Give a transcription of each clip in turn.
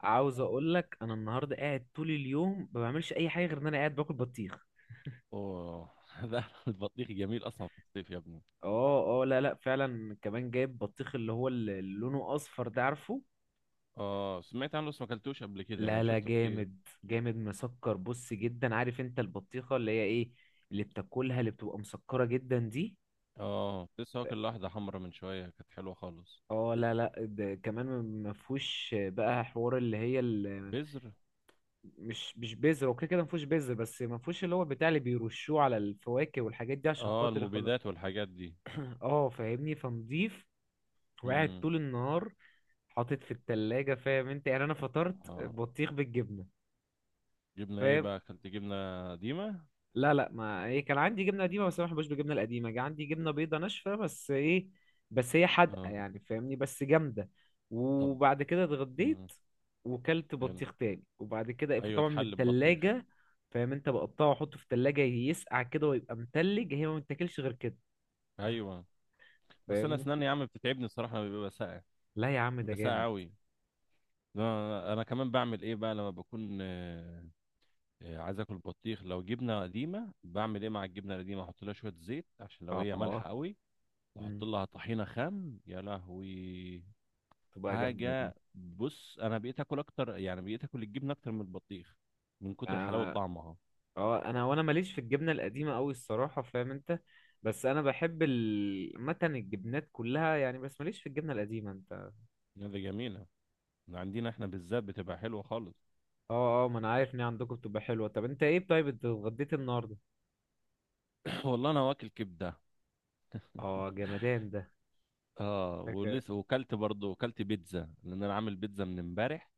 عاوز اقول لك انا النهارده قاعد طول اليوم ما بعملش اي حاجه غير ان انا قاعد باكل بطيخ. اوه. ده البطيخ جميل اصلا في الصيف يا ابني. اه اه، لا لا، فعلا كمان جايب بطيخ اللي لونه اصفر ده، عارفه؟ اه، سمعت عنه بس ما اكلتوش قبل كده لا يعني لا، شفته كتير. جامد جامد مسكر بص جدا، عارف انت البطيخه اللي هي ايه؟ اللي بتاكلها، اللي بتبقى مسكره جدا دي. اه، لسه واكل واحده حمرا من شويه كانت حلوه خالص. اه، لا لا، ده كمان. ما فيهوش بقى حوار اللي هي بذر. مش بذر. اوكي كده، ما فيهوش بذر، بس ما فيهوش اللي هو بتاع اللي بيرشوه على الفواكه والحاجات دي عشان اه، خاطر يخلق. المبيدات والحاجات دي. اه، فاهمني، فنضيف. وقاعد امم. طول النهار، حاطط في التلاجة، فاهم انت؟ يعني انا فطرت اه، بطيخ بالجبنة. جبنه ايه فاهم. بقى، اكلت جبنه قديمه؟ لا لا، ما ايه، كان عندي جبنة قديمة، بس انا ما بحبش بالجبنة القديمة. جه عندي جبنة بيضة ناشفة، بس ايه، بس هي حادقة اه. يعني، فاهمني، بس جامدة. طب. وبعد كده امم. اتغديت. وكلت حلو. بطيخ تاني وبعد كده ايوه، طبعا من اتحل ببطيخ. التلاجة. فاهم انت؟ بقطعه واحطه في التلاجة يسقع كده ويبقى متلج، هي ما بتاكلش غير كده. ايوه. بس انا فاهمني. اسناني يا عم بتتعبني الصراحه لما بيبقى ساقع، لا يا عم، ده بيبقى ساقع جامد. قوي. انا كمان بعمل ايه بقى لما بكون عايز اكل بطيخ. لو جبنه قديمه بعمل ايه مع الجبنه القديمه؟ احط لها شويه زيت عشان لو اه هي اه، مالحه قوي، واحط مم. لها طحينه خام، يا لهوي. تبقى جامدة دي. حاجه. بص انا بقيت اكل اكتر، يعني بقيت اكل الجبنه اكتر من البطيخ من كتر حلاوه آه، طعمها. اه، انا وانا ماليش في الجبنه القديمه قوي الصراحه، فاهم انت؟ بس انا بحب متن الجبنات كلها يعني، بس ماليش في الجبنه القديمه انت. هذا جميله. عندنا احنا بالذات بتبقى حلوه خالص. اه اه، ما انا عارف ان هي عندكم بتبقى حلوه. طب انت ايه؟ طيب انت اتغديت النهارده؟ والله انا واكل كبده. اه، جمدان ده. اه، حكا- ولسه وكلت برضه، وكلت بيتزا لان انا عامل بيتزا من امبارح.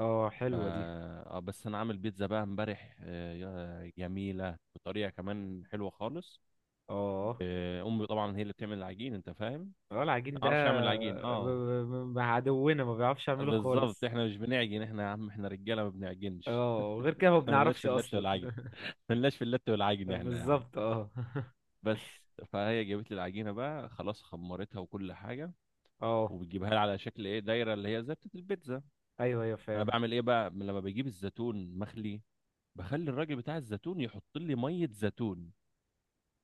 اه، ف حلوه دي. بس انا عامل بيتزا بقى امبارح. جميله بطريقه كمان حلوه خالص. اه امي طبعا هي اللي بتعمل العجين، انت فاهم انا اه، العجين ما ده. اعرفش اعمل العجين. ب- اه. عدونا ما بيعرفش يعمله بالظبط خالص. احنا مش بنعجن احنا يا عم، احنا رجاله ما بنعجنش. اه، وغير كده ما احنا ملناش بنعرفش في اللت اصلا والعجن، ملناش في اللت والعجن احنا يا عم. بالظبط اه بس فهي جابت لي العجينه بقى، خلاص خمرتها وكل حاجه، اه، وبتجيبها لي على شكل ايه؟ دايره، اللي هي زي بتاعت البيتزا. ايوه ايوه، انا فاهم. بعمل ايه بقى لما بجيب الزيتون؟ مخلي، بخلي الراجل بتاع الزيتون يحط لي ميه زيتون.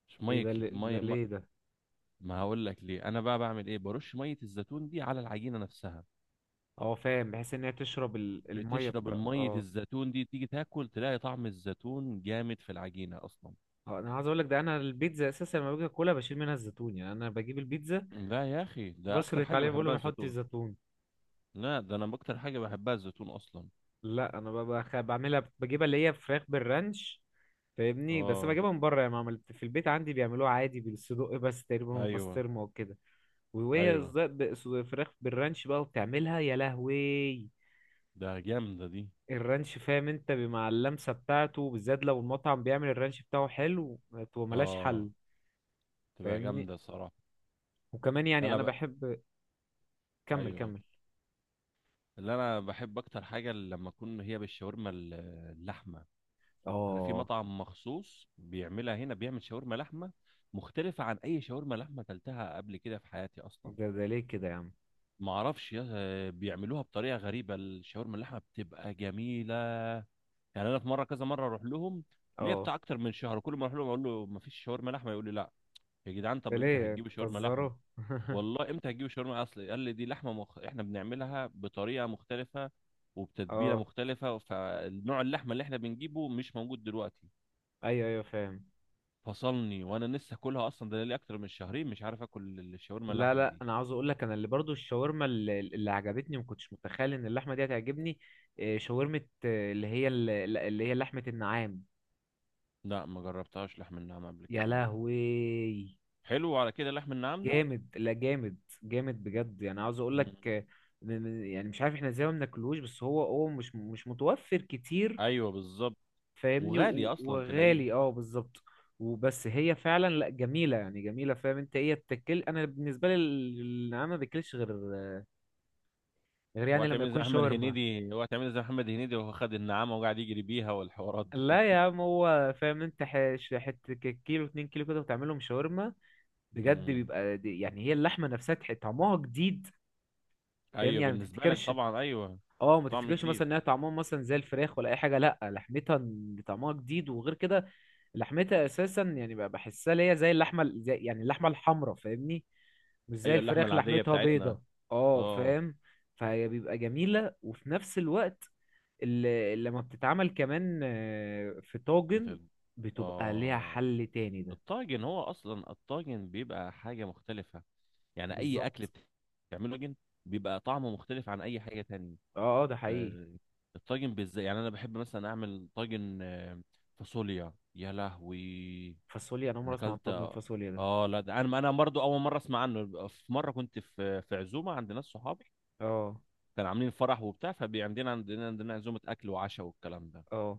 مش ايه ميه ده؟ ده ميه ما. ليه ده؟ ما هقول لك ليه. انا بقى بعمل ايه؟ برش ميه الزيتون دي على العجينه نفسها. اه، فاهم، بحيث ان هي تشرب الميه بتشرب بتاع المية اه الزيتون دي، تيجي تاكل تلاقي طعم الزيتون جامد في العجينة أصلا. انا عايز اقول لك، ده انا البيتزا اساسا لما باجي اكلها بشيل منها الزيتون يعني، انا بجيب البيتزا، لا يا أخي، ده أكتر بشرط حاجة عليه بقول له بحبها ما يحطش الزيتون. زيتون. لا ده أنا أكتر حاجة بحبها الزيتون أصلا. لا، انا بعملها، بجيبها اللي هي فراخ بالرانش. فاهمني. بس آه. بجيبها من بره، يعني ما عملت في البيت. عندي بيعملوها عادي بالصدق بس تقريبا، أيوه. والبسطرمه وكده. وهي أيوه. فراخ بالرانش بقى وبتعملها، يا لهوي! ده جامدة دي. الرانش فاهم انت، مع اللمسه بتاعته بالذات لو المطعم بيعمل الرانش بتاعه حلو، تبقى ملهاش آه. حل. تبقى فاهمني. جامدة صراحة. وكمان يعني أنا انا بقى. بحب. كمل أيوه. كمل. اللي أنا بحب أكتر حاجة لما أكون هي بالشاورما اللحمة. أنا في اه، مطعم مخصوص بيعملها هنا، بيعمل شاورما لحمة مختلفة عن أي شاورما لحمة أكلتها قبل كده في حياتي أصلا. ده ليه كده يا عم؟ ما اعرفش بيعملوها بطريقه غريبه. الشاورما اللحمه بتبقى جميله. يعني انا في مره، كذا مره اروح لهم ليا اه، بتاع اكتر من شهر، كل ما اروح لهم اقول له ما فيش شاورما لحمه، يقول لي لا. يا جدعان ده طب امتى ليه هتجيبوا شاورما بتهزروا؟ لحمه؟ والله امتى هتجيبوا شاورما؟ اصل قال لي دي لحمه احنا بنعملها بطريقه مختلفه وبتتبيله اه، مختلفه، فنوع اللحمه اللي احنا بنجيبه مش موجود دلوقتي. ايوه ايوه، فاهم. فصلني وانا لسه كلها اصلا، ده لي اكتر من شهرين مش عارف اكل الشاورما لا اللحمه لا، دي. انا عاوز اقول لك انا اللي برضو الشاورما اللي عجبتني، ما كنتش متخيل ان اللحمه دي هتعجبني. شاورمه اللي هي اللي هي لحمه النعام. لا ما جربتهاش لحم النعام قبل يا كده انا. لهوي. حلو على كده لحم النعام ده. جامد، لا جامد. جامد بجد، يعني عاوز اقول لك مم. يعني مش عارف احنا ازاي ما بناكلوش، بس هو مش متوفر كتير. ايوه بالظبط. فاهمني، وغالي اصلا تلاقيه. وغالي، اه، بالظبط. وبس هي فعلا، لا جميله يعني جميله، فاهم انت ايه التكل؟ انا بالنسبه لي النعام ما باكلش غير هو يعني هتعمل لما إيه زي يكون محمد شاورما. هنيدي، هو هتعمل إيه زي محمد هنيدي وهو خد النعامه وقاعد يجري بيها والحوارات دي. لا يا عم، هو فاهم انت، حته كيلو 2 كيلو كده وتعملهم شاورما. بجد مم. بيبقى يعني هي اللحمه نفسها طعمها جديد. فاهم؟ ايوه يعني ما بالنسبه لك تفتكرش. طبعا، ايوه. اه، ما طعم تفتكرش جديد. مثلا انها طعمها مثلا زي الفراخ ولا اي حاجه، لا لحمتها طعمها جديد وغير كده. لحمتها اساسا يعني بقى بحسها ليا زي اللحمه زي يعني اللحمه الحمراء، فاهمني. مش زي ايوه اللحمه الفراخ العاديه لحمتها بتاعتنا. بيضه. اه، اه. فاهم. فهي بيبقى جميله وفي نفس الوقت اللي لما بتتعمل كمان في طاجن بتاعت. بتبقى ليها اه، حل تاني ده. الطاجن هو اصلا الطاجن بيبقى حاجه مختلفه. يعني اي اكل بالظبط. بتعمله طاجن بيبقى طعمه مختلف عن اي حاجه تانية. اه اه، ده حقيقي. آه، الطاجن بالذات يعني انا بحب مثلا اعمل طاجن فاصوليا، يا لهوي. فاصوليا؟ انا انا عمري اسمع عن اكلت. طاجن فاصوليا ده. اه لا، ده انا برضو اول مره اسمع عنه. في مره كنت في عزومه عند ناس صحابي، اه كانوا عاملين فرح وبتاع، فعندنا عندنا عندنا عندنا عزومه اكل وعشاء والكلام ده. اه،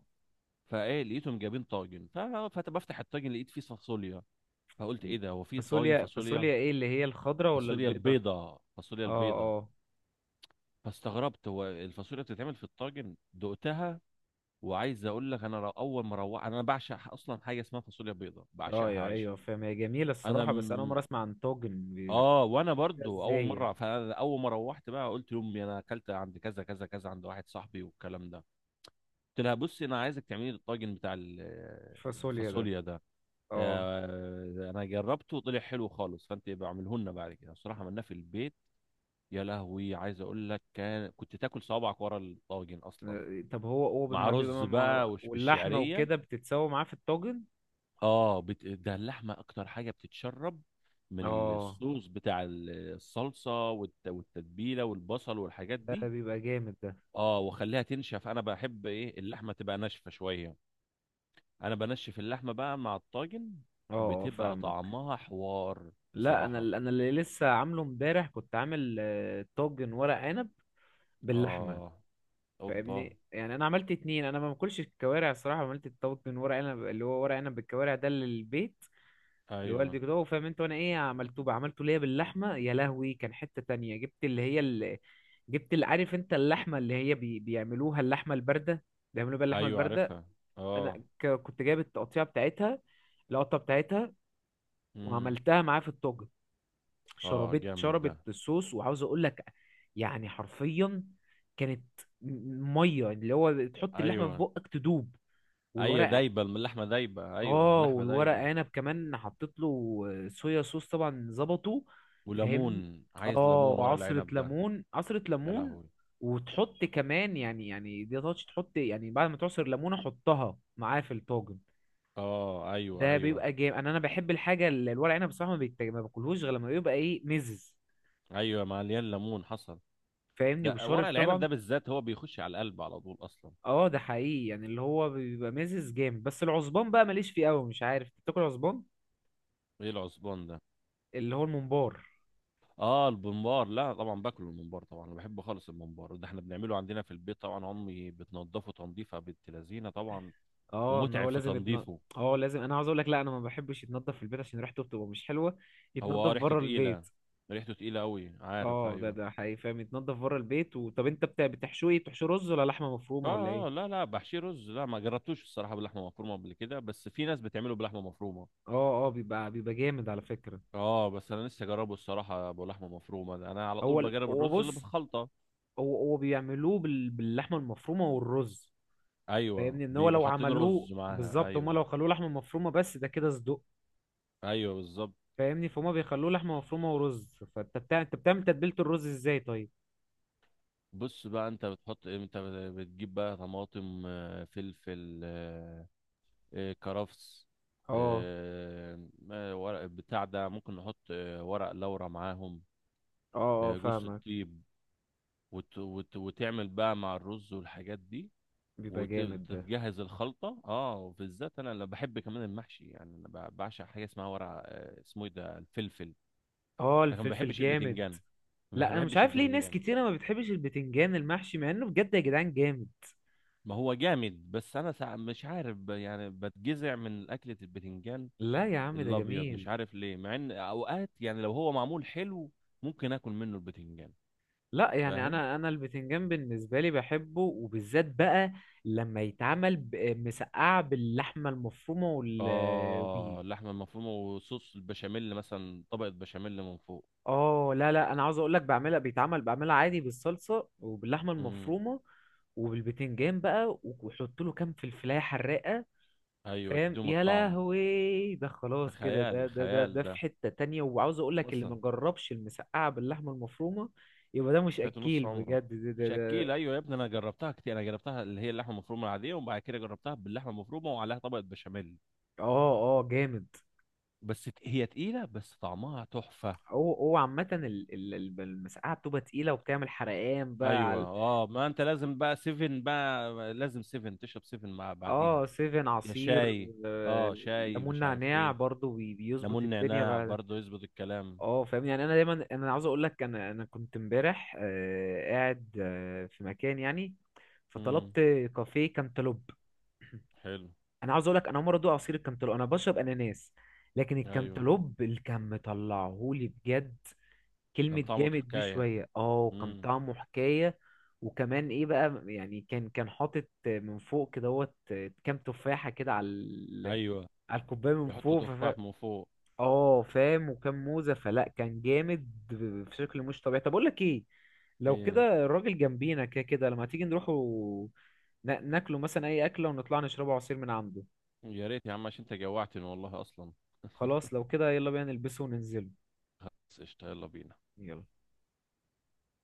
فايه، لقيتهم جايبين طاجن. فبفتح الطاجن لقيت فيه فاصوليا، فقلت ايه ده؟ هو في طاجن فاصوليا فاصوليا؟ فاصوليا، ايه اللي هي، الخضراء ولا فاصوليا البيضه؟ البيضه، فاصوليا البيضه. اه اه. فاستغربت هو الفاصوليا بتتعمل في الطاجن دقتها. وعايز اقول لك انا، اول ما روحت، انا بعشق اصلا حاجه اسمها فاصوليا بيضاء، اه، بعشقها عيش. ايوه فاهم، هي جميله انا الصراحه، بس انا اول مره م... اسمع عن توجن بيبقى. اه، وانا ده برضو اول ازاي يعني؟ مره، فانا اول ما روحت بقى قلت لامي انا اكلت عند كذا كذا كذا عند واحد صاحبي والكلام ده. قلت لها بصي انا عايزك تعملي لي الطاجن بتاع فاصوليا ده. الفاصوليا ده. اه. انا جربته وطلع حلو خالص، فانت يبقى اعمله لنا بعد كده. الصراحه عملناه في البيت. يا لهوي عايز اقول لك، كنت تاكل صوابعك ورا الطاجن اصلا. طب هو مع ما بيبقى رز بقى وش واللحمه بالشعريه. وكده بتتسوى معاه في الطاجن. اه ده اللحمه اكتر حاجه بتتشرب من اه، الصوص بتاع الصلصه والتتبيله والبصل والحاجات ده دي. بيبقى جامد ده. اه، واخليها تنشف. انا بحب ايه اللحمه تبقى ناشفه شويه. انا بنشف اللحمه بقى مع الطاجن، اه اه، بتبقى فاهمك. طعمها حوار. لا، انا بصراحه. اللي لسه عامله امبارح، كنت عامل طاجن ورق عنب باللحمه. اه، اوبا. فاهمني، يعني انا عملت اتنين. انا ما باكلش الكوارع الصراحه، عملت الطاجن ورق عنب اللي هو ورق عنب بالكوارع ده للبيت، ايوه لوالدي كده هو، فاهم انت؟ وانا ايه عملته بقى، عملته ليا باللحمه، يا لهوي! كان حته تانية، جبت اللي عارف انت، اللحمه اللي هي بيعملوها اللحمه البارده، بيعملوا بيها اللحمه ايوه البارده. عارفها. اه. انا كنت جايب التقطيعه بتاعتها، القطه بتاعتها، امم. وعملتها معاه في الطاجن. اه شربت جامد ده. شربت الصوص، وعاوز اقول لك يعني حرفيا، كانت ميه، اللي هو تحط اللحمه في ايوه بقك تدوب ايوه والورق. دايبه اللحمه دايبه، ايوه اه، اللحمه والورق دايبه. عنب كمان حطيت له صويا صوص طبعا ظبطه. فاهمني. وليمون. عايز اه، ليمون ورق وعصرة العنب ده. ليمون عصرة يا ليمون. لهوي. وتحط كمان يعني، دي تاتش، تحط يعني بعد ما تعصر ليمونة حطها معاه في الطاجن. اه، ايوه ده ايوه بيبقى جامد. انا بحب الحاجة اللي الورق عنب بصراحة، ما باكلهوش غير لما بيبقى ايه مزز. ايوه، مليان ليمون، حصل. فاهمني، ده وبشارب ورق العنب ده طبعا. بالذات هو بيخش على القلب على طول اصلا. اه، ده حقيقي، يعني اللي هو بيبقى مزز جامد. بس العصبان بقى ماليش فيه قوي، مش عارف بتاكل عصبان؟ ايه العصبان ده؟ اللي هو الممبار. اه البمبار. لا طبعا باكله الممبار طبعا، انا بحبه خالص. الممبار ده احنا بنعمله عندنا في البيت طبعا، امي بتنضفه تنظيفه بنت لذينه طبعا، اه، ان ومتعب هو في لازم يتنضف. تنظيفه. اه، لازم. انا عاوز اقول لك، لا انا ما بحبش يتنضف في البيت عشان ريحته بتبقى مش حلوه، هو يتنضف ريحته بره تقيله، البيت. ريحته تقيله قوي، عارف اه، ده ايوه. ده حقيقي، فاهم يتنضف بره البيت طب انت بتاع بتحشوه ايه؟ بتحشوه رز ولا لحمه مفرومه ولا اه ايه؟ اه، لا لا، بحشيه رز. لا ما جربتوش الصراحه باللحمه مفرومه قبل كده، بس في ناس بتعمله بلحمه مفرومه. اه اه، بيبقى جامد على فكره. اه بس انا لسه جربه الصراحه بلحمه مفرومه ده. انا على طول بجرب هو الرز اللي بص، بالخلطه. هو بيعملوه باللحمه المفرومه والرز. ايوه فاهمني، ان هو بيبقى لو حاطين عملوه رز معاها، بالظبط هما، ايوه. لو خلوه لحمه مفرومه بس، ده كده صدق. ايوه بالظبط. فاهمني، فهم بيخلوه لحمه مفرومه ورز. فانت بتاع انت بتعمل تتبيله الرز ازاي طيب؟ بص بقى، انت بتحط ايه انت؟ بتجيب بقى طماطم، فلفل، كرفس اه ورق بتاع ده، ممكن نحط ورق لورا معاهم. اه اه، جوز فاهمك. الطيب، وتعمل بقى مع الرز والحاجات دي بيبقى جامد ده. وتجهز الخلطه. اه، وبالذات انا اللي بحب كمان المحشي. يعني انا بعشق حاجه اسمها ورق، اسمه ايه ده، الفلفل. اه، لكن ما الفلفل بحبش جامد. البتنجان، ما لا، بحب- انا مش بحبش عارف ليه ناس البتنجان. كتيرة ما بتحبش البتنجان المحشي، مع انه بجد يا جدعان جامد. ما هو جامد، بس انا مش عارف يعني بتجزع من اكله البتنجان لا يا عم، ده الابيض، جميل. مش عارف ليه. مع ان اوقات يعني لو هو معمول حلو ممكن اكل منه البتنجان. لا، يعني فاهم. انا البتنجان بالنسبه لي بحبه، وبالذات بقى لما يتعمل مسقعه باللحمه المفرومه وال بيه. اه، اللحمه المفرومه وصوص البشاميل مثلا، طبقه بشاميل من فوق. اه، لا لا، انا عاوز اقول لك، بعملها عادي بالصلصه وباللحمه امم. المفرومه، وبالبتنجان بقى، وحط له كام فلفلايه حراقه. ايوه فاهم، تدوم يا الطعم. لهوي، ده في خلاص كده. ده خيال. ده ده خيال ده في ده حتة تانية، وعاوز اقول لك اللي اصلا، ما جربش المسقعة باللحمة المفرومة يبقى ده مش فاته اكيل نص عمره، بجد، ده. مش ده. اكيل. ايوه يا ابني انا جربتها كتير. انا جربتها اللي هي اللحمه المفرومه العاديه، وبعد كده جربتها باللحمه المفرومه وعليها طبقه بشاميل. اه اه، جامد. بس هي تقيله بس طعمها تحفه. هو عامة المسقعة بتبقى تقيلة، وبتعمل حرقان بقى ايوه على. اه، ما انت لازم بقى سيفن. بقى لازم سيفن، تشرب سيفن مع بعديها. اه، سيفن يا عصير. شاي. آه، اه، شاي، ليمون مش عارف نعناع ايه، برضو بيظبط ليمون الدنيا نعناع، بقى. برضه يظبط الكلام. اه، فاهم، يعني انا دايما انا عاوز اقول لك، انا كنت امبارح قاعد في مكان يعني، فطلبت امم، كافيه كانتالوب. حلو. انا عاوز اقول لك، انا عمري ادوق عصير الكامتالوب، انا بشرب اناناس. لكن ايوه الكامتالوب اللي كان مطلعهولي بجد، كان كلمة طعمه جامد دي حكايه. شوية، اه، كان امم. طعمه حكاية. وكمان ايه بقى، يعني كان حاطط من فوق كدهوت كام تفاحة كده على ايوه على الكوباية من بيحطوا فوق تفاح من فوق. اه، فاهم، وكام موزة، فلا كان جامد في شكل مش طبيعي. طب اقول لك ايه، لو إيه. كده الراجل جنبينا كده كده، لما تيجي نروح ناكله مثلا اي اكلة، ونطلع نشربه عصير من عنده. يا ريت يا عم عشان انت جوعتني والله اصلا. خلاص، لو كده يلا بينا نلبسه وننزله. بس قشطة، يلا بينا. يلا.